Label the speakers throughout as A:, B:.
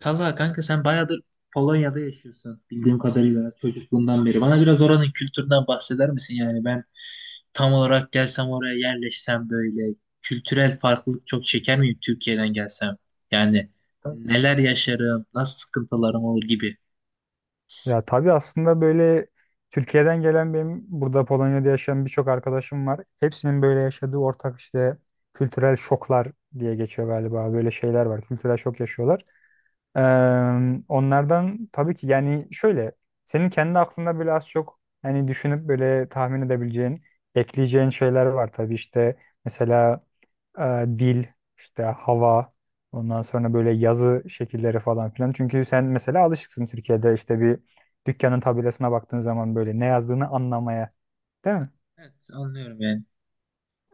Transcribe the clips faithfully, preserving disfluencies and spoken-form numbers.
A: Talha kanka sen bayağıdır Polonya'da yaşıyorsun bildiğim kadarıyla çocukluğundan beri. Bana biraz oranın kültüründen bahseder misin? Yani ben tam olarak gelsem oraya yerleşsem böyle kültürel farklılık çok çeker miyim Türkiye'den gelsem? Yani neler yaşarım, nasıl sıkıntılarım olur gibi.
B: Ya tabii aslında böyle Türkiye'den gelen benim burada Polonya'da yaşayan birçok arkadaşım var. Hepsinin böyle yaşadığı ortak işte kültürel şoklar diye geçiyor galiba. Böyle şeyler var. Kültürel şok yaşıyorlar. Ee, Onlardan tabii ki yani şöyle senin kendi aklında böyle az çok yani düşünüp böyle tahmin edebileceğin, ekleyeceğin şeyler var tabii işte mesela e, dil, işte hava, ondan sonra böyle yazı şekilleri falan filan. Çünkü sen mesela alışıksın Türkiye'de işte bir dükkanın tabelasına baktığın zaman böyle ne yazdığını anlamaya, değil mi?
A: Evet, anlıyorum yani.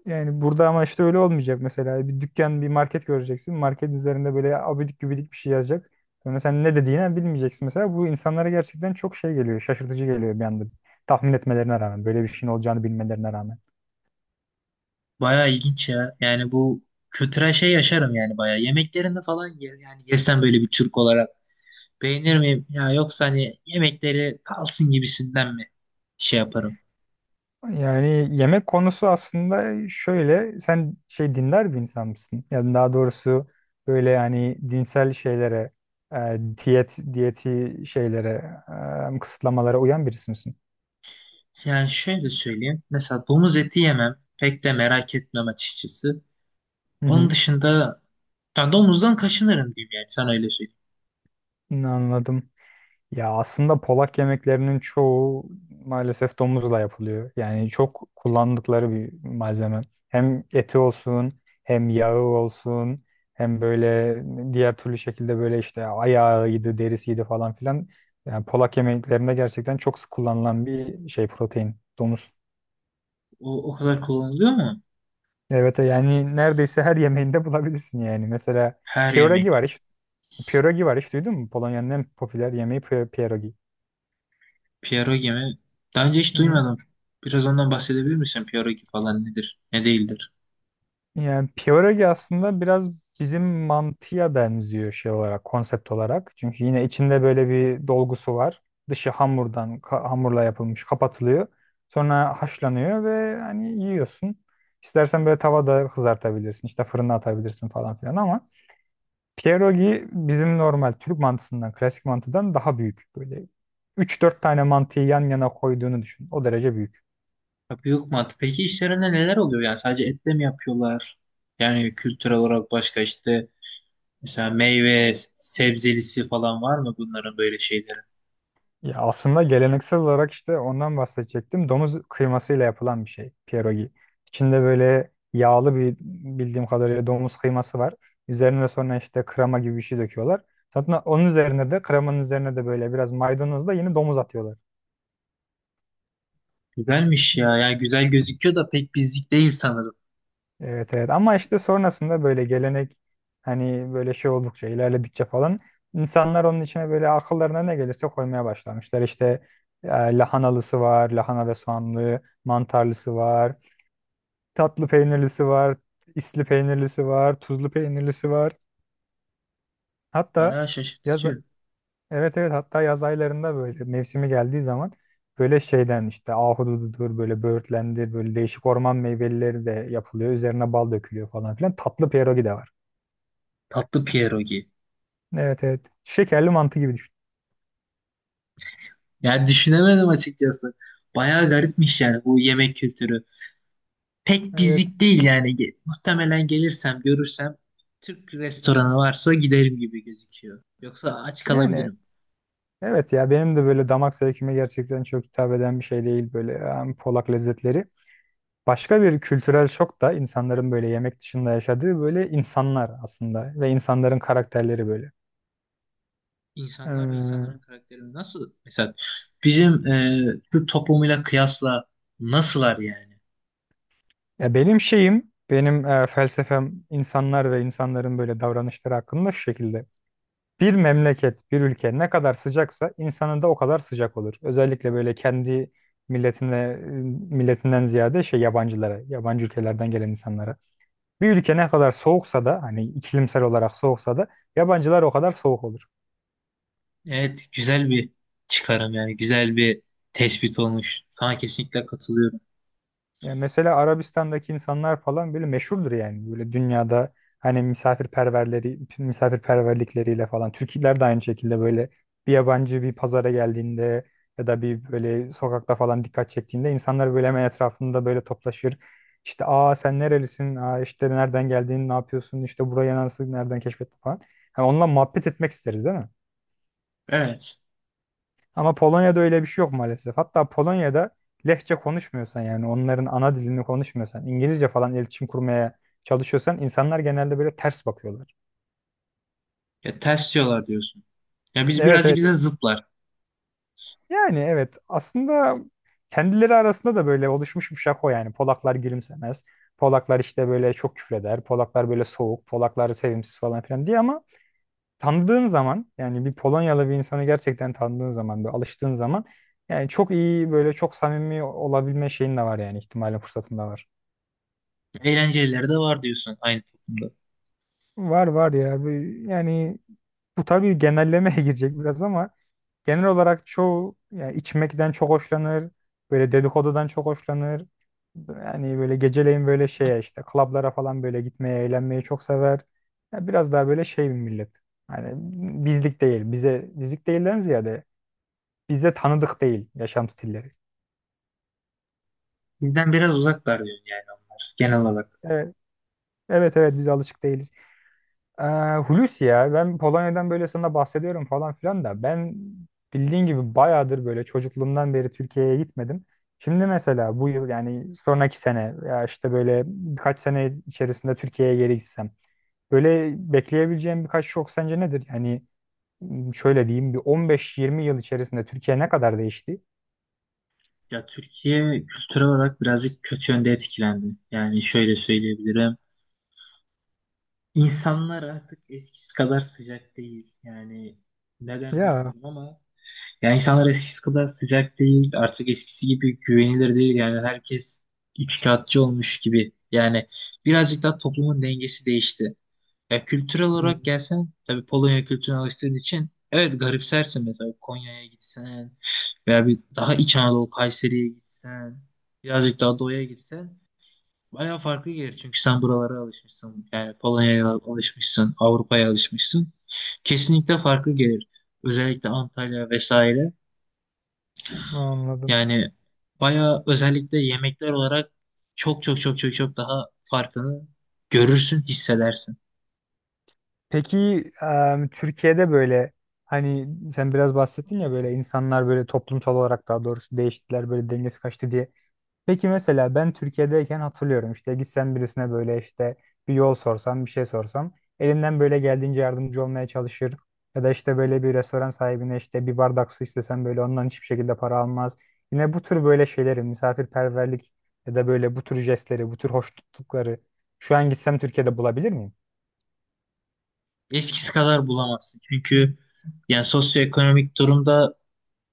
B: Yani burada ama işte öyle olmayacak mesela. Bir dükkan, bir market göreceksin. Market üzerinde böyle abidik gübidik bir şey yazacak. Sonra sen ne dediğini bilmeyeceksin mesela. Bu insanlara gerçekten çok şey geliyor, şaşırtıcı geliyor bir anda. Tahmin etmelerine rağmen, böyle bir şeyin olacağını bilmelerine rağmen.
A: Bayağı ilginç ya. Yani bu kültürel şey yaşarım yani bayağı. Yemeklerini falan yer, yani yesem böyle bir Türk olarak beğenir miyim? Ya yoksa hani yemekleri kalsın gibisinden mi şey yaparım?
B: Yani yemek konusu aslında şöyle sen şey dinler bir insan mısın? Yani daha doğrusu böyle yani dinsel şeylere, e, diyet diyeti şeylere, e, kısıtlamalara uyan birisi misin?
A: Yani şöyle söyleyeyim. Mesela domuz eti yemem. Pek de merak etmem açıkçası.
B: Hı
A: Onun
B: hı.
A: dışında yani domuzdan kaşınırım diyeyim yani. Sana öyle söyleyeyim.
B: Anladım. Ya aslında Polak yemeklerinin çoğu maalesef domuzla yapılıyor. Yani çok kullandıkları bir malzeme. Hem eti olsun, hem yağı olsun, hem böyle diğer türlü şekilde böyle işte ayağıydı, derisiydi falan filan. Yani Polak yemeklerinde gerçekten çok sık kullanılan bir şey protein, domuz.
A: O, o kadar kullanılıyor mu?
B: Evet yani neredeyse her yemeğinde bulabilirsin yani. Mesela
A: Her yemek.
B: pierogi var hiç, pierogi var hiç duydun mu? Polonya'nın en popüler yemeği pie- pierogi.
A: Pierogi mi? Daha önce hiç duymadım. Biraz ondan bahsedebilir misin? Pierogi falan nedir? Ne değildir?
B: Yani Piyorogi aslında biraz bizim mantıya benziyor şey olarak, konsept olarak. Çünkü yine içinde böyle bir dolgusu var. Dışı hamurdan, ka- hamurla yapılmış, kapatılıyor. Sonra haşlanıyor ve hani yiyorsun. İstersen böyle tavada kızartabilirsin, işte fırına atabilirsin falan filan ama pierogi bizim normal Türk mantısından, klasik mantıdan daha büyük. Böyle üç dört tane mantıyı yan yana koyduğunu düşün. O derece büyük.
A: Tabii, yok mu? Peki işlerinde neler oluyor? Yani sadece etle mi yapıyorlar? Yani kültürel olarak başka işte mesela meyve, sebzelisi falan var mı bunların böyle şeyleri?
B: Ya aslında geleneksel olarak işte ondan bahsedecektim. Domuz kıymasıyla yapılan bir şey pierogi. İçinde böyle yağlı bir bildiğim kadarıyla domuz kıyması var. Üzerine sonra işte krema gibi bir şey döküyorlar. Zaten onun üzerine de kremanın üzerine de böyle biraz maydanozla yine domuz atıyorlar.
A: Güzelmiş ya.
B: Evet,
A: Yani güzel gözüküyor da pek bizlik değil sanırım.
B: evet, evet, ama işte sonrasında böyle gelenek hani böyle şey oldukça ilerledikçe falan insanlar onun içine böyle akıllarına ne gelirse koymaya başlamışlar. İşte e, lahanalısı var, lahana ve soğanlı, mantarlısı var. Tatlı peynirlisi var, isli peynirlisi var, tuzlu peynirlisi var. Hatta
A: Bayağı
B: yaz
A: şaşırtıcı.
B: evet, evet, hatta yaz aylarında böyle mevsimi geldiği zaman böyle şeyden işte ahudududur böyle böğürtlendir böyle değişik orman meyveleri de yapılıyor. Üzerine bal dökülüyor falan filan. Tatlı pierogi de var.
A: Tatlı pierogi.
B: Evet, evet. Şekerli mantı gibi düşün.
A: Yani düşünemedim açıkçası. Bayağı garipmiş yani bu yemek kültürü. Pek
B: Evet.
A: bizlik değil yani. Ge- Muhtemelen gelirsem, görürsem Türk restoranı varsa giderim gibi gözüküyor. Yoksa aç
B: Yani
A: kalabilirim.
B: evet ya benim de böyle damak zevkime gerçekten çok hitap eden bir şey değil böyle yani Polak lezzetleri. Başka bir kültürel şok da insanların böyle yemek dışında yaşadığı böyle insanlar aslında ve insanların karakterleri böyle.
A: İnsanlar ve insanların
B: Ee,
A: karakterini nasıl? Mesela bizim e, Türk toplumuyla kıyasla nasıllar yani?
B: Ya benim şeyim, benim e, felsefem insanlar ve insanların böyle davranışları hakkında şu şekilde. Bir memleket, bir ülke ne kadar sıcaksa insanı da o kadar sıcak olur. Özellikle böyle kendi milletine, milletinden ziyade şey yabancılara, yabancı ülkelerden gelen insanlara. Bir ülke ne kadar soğuksa da hani iklimsel olarak soğuksa da yabancılar o kadar soğuk olur.
A: Evet, güzel bir çıkarım yani güzel bir tespit olmuş. Sana kesinlikle katılıyorum.
B: Yani mesela Arabistan'daki insanlar falan böyle meşhurdur yani. Böyle dünyada hani misafirperverleri, misafirperverlikleriyle falan. Türkler de aynı şekilde böyle bir yabancı bir pazara geldiğinde ya da bir böyle sokakta falan dikkat çektiğinde insanlar böyle hemen etrafında böyle toplaşır. İşte aa sen nerelisin? Aa işte nereden geldiğini ne yapıyorsun? İşte burayı nasıl nereden keşfettin falan. Hani onunla muhabbet etmek isteriz değil mi?
A: Evet.
B: Ama Polonya'da öyle bir şey yok maalesef. Hatta Polonya'da lehçe konuşmuyorsan yani onların ana dilini konuşmuyorsan, İngilizce falan iletişim kurmaya çalışıyorsan insanlar genelde böyle ters bakıyorlar.
A: Ya ters diyorlar diyorsun. Ya biz
B: Evet,
A: birazcık
B: evet.
A: bize zıtlar.
B: Yani evet aslında kendileri arasında da böyle oluşmuş bir şaka o yani. Polaklar gülümsemez. Polaklar işte böyle çok küfreder. Polaklar böyle soğuk. Polaklar sevimsiz falan filan diye ama tanıdığın zaman yani bir Polonyalı bir insanı gerçekten tanıdığın zaman böyle alıştığın zaman yani çok iyi böyle çok samimi olabilme şeyin de var yani ihtimalin fırsatın da var.
A: Eğlencelileri de var diyorsun aynı toplumda.
B: Var, var ya. Bir- yani bu tabii genellemeye girecek biraz ama genel olarak çoğu yani içmekten çok hoşlanır. Böyle dedikodudan çok hoşlanır. Yani böyle geceleyin böyle şeye işte klablara falan böyle gitmeye eğlenmeyi çok sever. Ya biraz daha böyle şey bir millet. Hani bizlik değil. Bize bizlik değilden ziyade bize tanıdık değil yaşam stilleri.
A: Bizden biraz uzaklar diyorsun yani onlar genel olarak.
B: Evet, evet, evet, biz alışık değiliz. Ee, Hulusi ya ben Polonya'dan böyle sana bahsediyorum falan filan da ben bildiğin gibi bayağıdır böyle çocukluğumdan beri Türkiye'ye gitmedim. Şimdi mesela bu yıl yani sonraki sene ya işte böyle birkaç sene içerisinde Türkiye'ye geri gitsem böyle bekleyebileceğim birkaç şok sence nedir? Yani m, şöyle diyeyim bir on beş yirmi yıl içerisinde Türkiye ne kadar değişti?
A: Ya Türkiye kültürel olarak birazcık kötü yönde etkilendi. Yani şöyle söyleyebilirim. İnsanlar artık eskisi kadar sıcak değil. Yani neden
B: Ya.
A: bilmiyorum ama yani insanlar eskisi kadar sıcak değil, artık eskisi gibi güvenilir değil. Yani herkes içtihatçı olmuş gibi. Yani birazcık daha toplumun dengesi değişti. Ya kültürel
B: Hmm,
A: olarak gelsen, tabii Polonya kültürüne alıştığın için evet garipsersin. Mesela Konya'ya gitsen veya bir daha İç Anadolu Kayseri'ye gitsen, birazcık daha doğuya gitsen bayağı farklı gelir. Çünkü sen buralara alışmışsın. Yani Polonya'ya alışmışsın, Avrupa'ya alışmışsın. Kesinlikle farklı gelir. Özellikle Antalya vesaire.
B: anladım.
A: Yani bayağı özellikle yemekler olarak çok çok çok çok çok daha farkını görürsün, hissedersin.
B: Peki em, Türkiye'de böyle hani sen biraz bahsettin ya böyle insanlar böyle toplumsal olarak daha doğrusu değiştiler böyle dengesi kaçtı diye. Peki mesela ben Türkiye'deyken hatırlıyorum işte gitsem birisine böyle işte bir yol sorsam bir şey sorsam elimden böyle geldiğince yardımcı olmaya çalışır. Ya da işte böyle bir restoran sahibine işte bir bardak su istesem böyle ondan hiçbir şekilde para almaz. Yine bu tür böyle şeyleri misafirperverlik ya da böyle bu tür jestleri bu tür hoş tuttukları şu an gitsem Türkiye'de bulabilir miyim?
A: Eskisi kadar bulamazsın. Çünkü yani sosyoekonomik durumda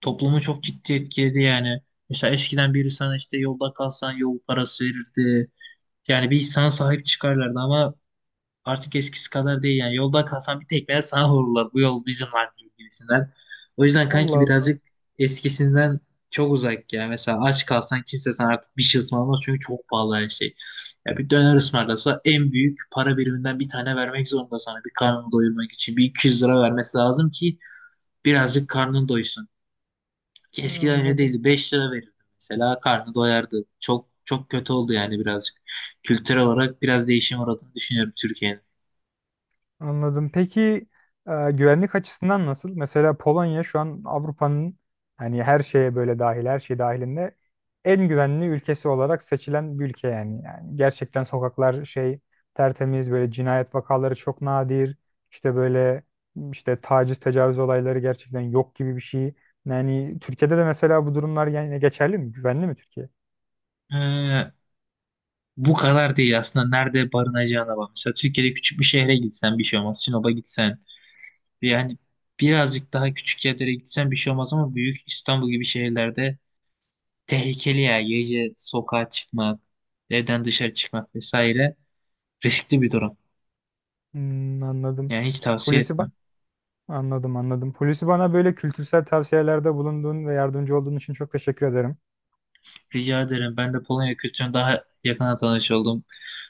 A: toplumu çok ciddi etkiledi yani. Mesela eskiden biri sana işte yolda kalsan yol parası verirdi. Yani bir insana sahip çıkarlardı ama artık eskisi kadar değil yani. Yolda kalsan bir tekmeye sana vururlar. Bu yol bizim artık gibisinden. O yüzden kanki
B: Allah Allah.
A: birazcık eskisinden çok uzak ya. Mesela aç kalsan kimse sana artık bir şey ısmarlamaz çünkü çok pahalı her şey. Ya bir döner ısmarlasa en büyük para biriminden bir tane vermek zorunda sana bir karnını doyurmak için. Bir iki yüz lira vermesi lazım ki birazcık karnın doysun. Ki eskiden öyle
B: Anladım.
A: değildi. Beş lira verirdi mesela, karnı doyardı. Çok çok kötü oldu yani birazcık. Kültürel olarak biraz değişim uğradığını düşünüyorum Türkiye'nin.
B: Anladım. Peki e, güvenlik açısından nasıl? Mesela Polonya şu an Avrupa'nın hani her şeye böyle dahil, her şey dahilinde en güvenli ülkesi olarak seçilen bir ülke yani. Yani gerçekten sokaklar şey tertemiz böyle cinayet vakaları çok nadir. İşte böyle işte taciz, tecavüz olayları gerçekten yok gibi bir şey. Yani Türkiye'de de mesela bu durumlar yani geçerli mi? Güvenli mi Türkiye?
A: Ee, Bu kadar değil. Aslında nerede barınacağına bak. Mesela Türkiye'de küçük bir şehre gitsen bir şey olmaz. Sinop'a gitsen yani birazcık daha küçük yerlere gitsen bir şey olmaz, ama büyük İstanbul gibi şehirlerde tehlikeli ya. Gece sokağa çıkmak, evden dışarı çıkmak vesaire riskli bir durum.
B: Hmm, anladım.
A: Yani hiç tavsiye
B: Hulusi,
A: etmem.
B: anladım, anladım. Polisi bana böyle kültürel tavsiyelerde bulunduğun ve yardımcı olduğun için çok teşekkür ederim.
A: Rica ederim. Ben de Polonya kültürünü daha yakına tanış oldum.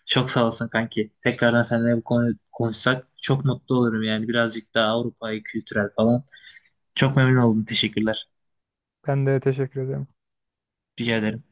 A: Çok sağ olsun kanki. Tekrardan seninle bu konu konuşsak çok mutlu olurum yani. Birazcık daha Avrupa'yı kültürel falan. Çok memnun oldum. Teşekkürler.
B: Ben de teşekkür ederim.
A: Rica ederim.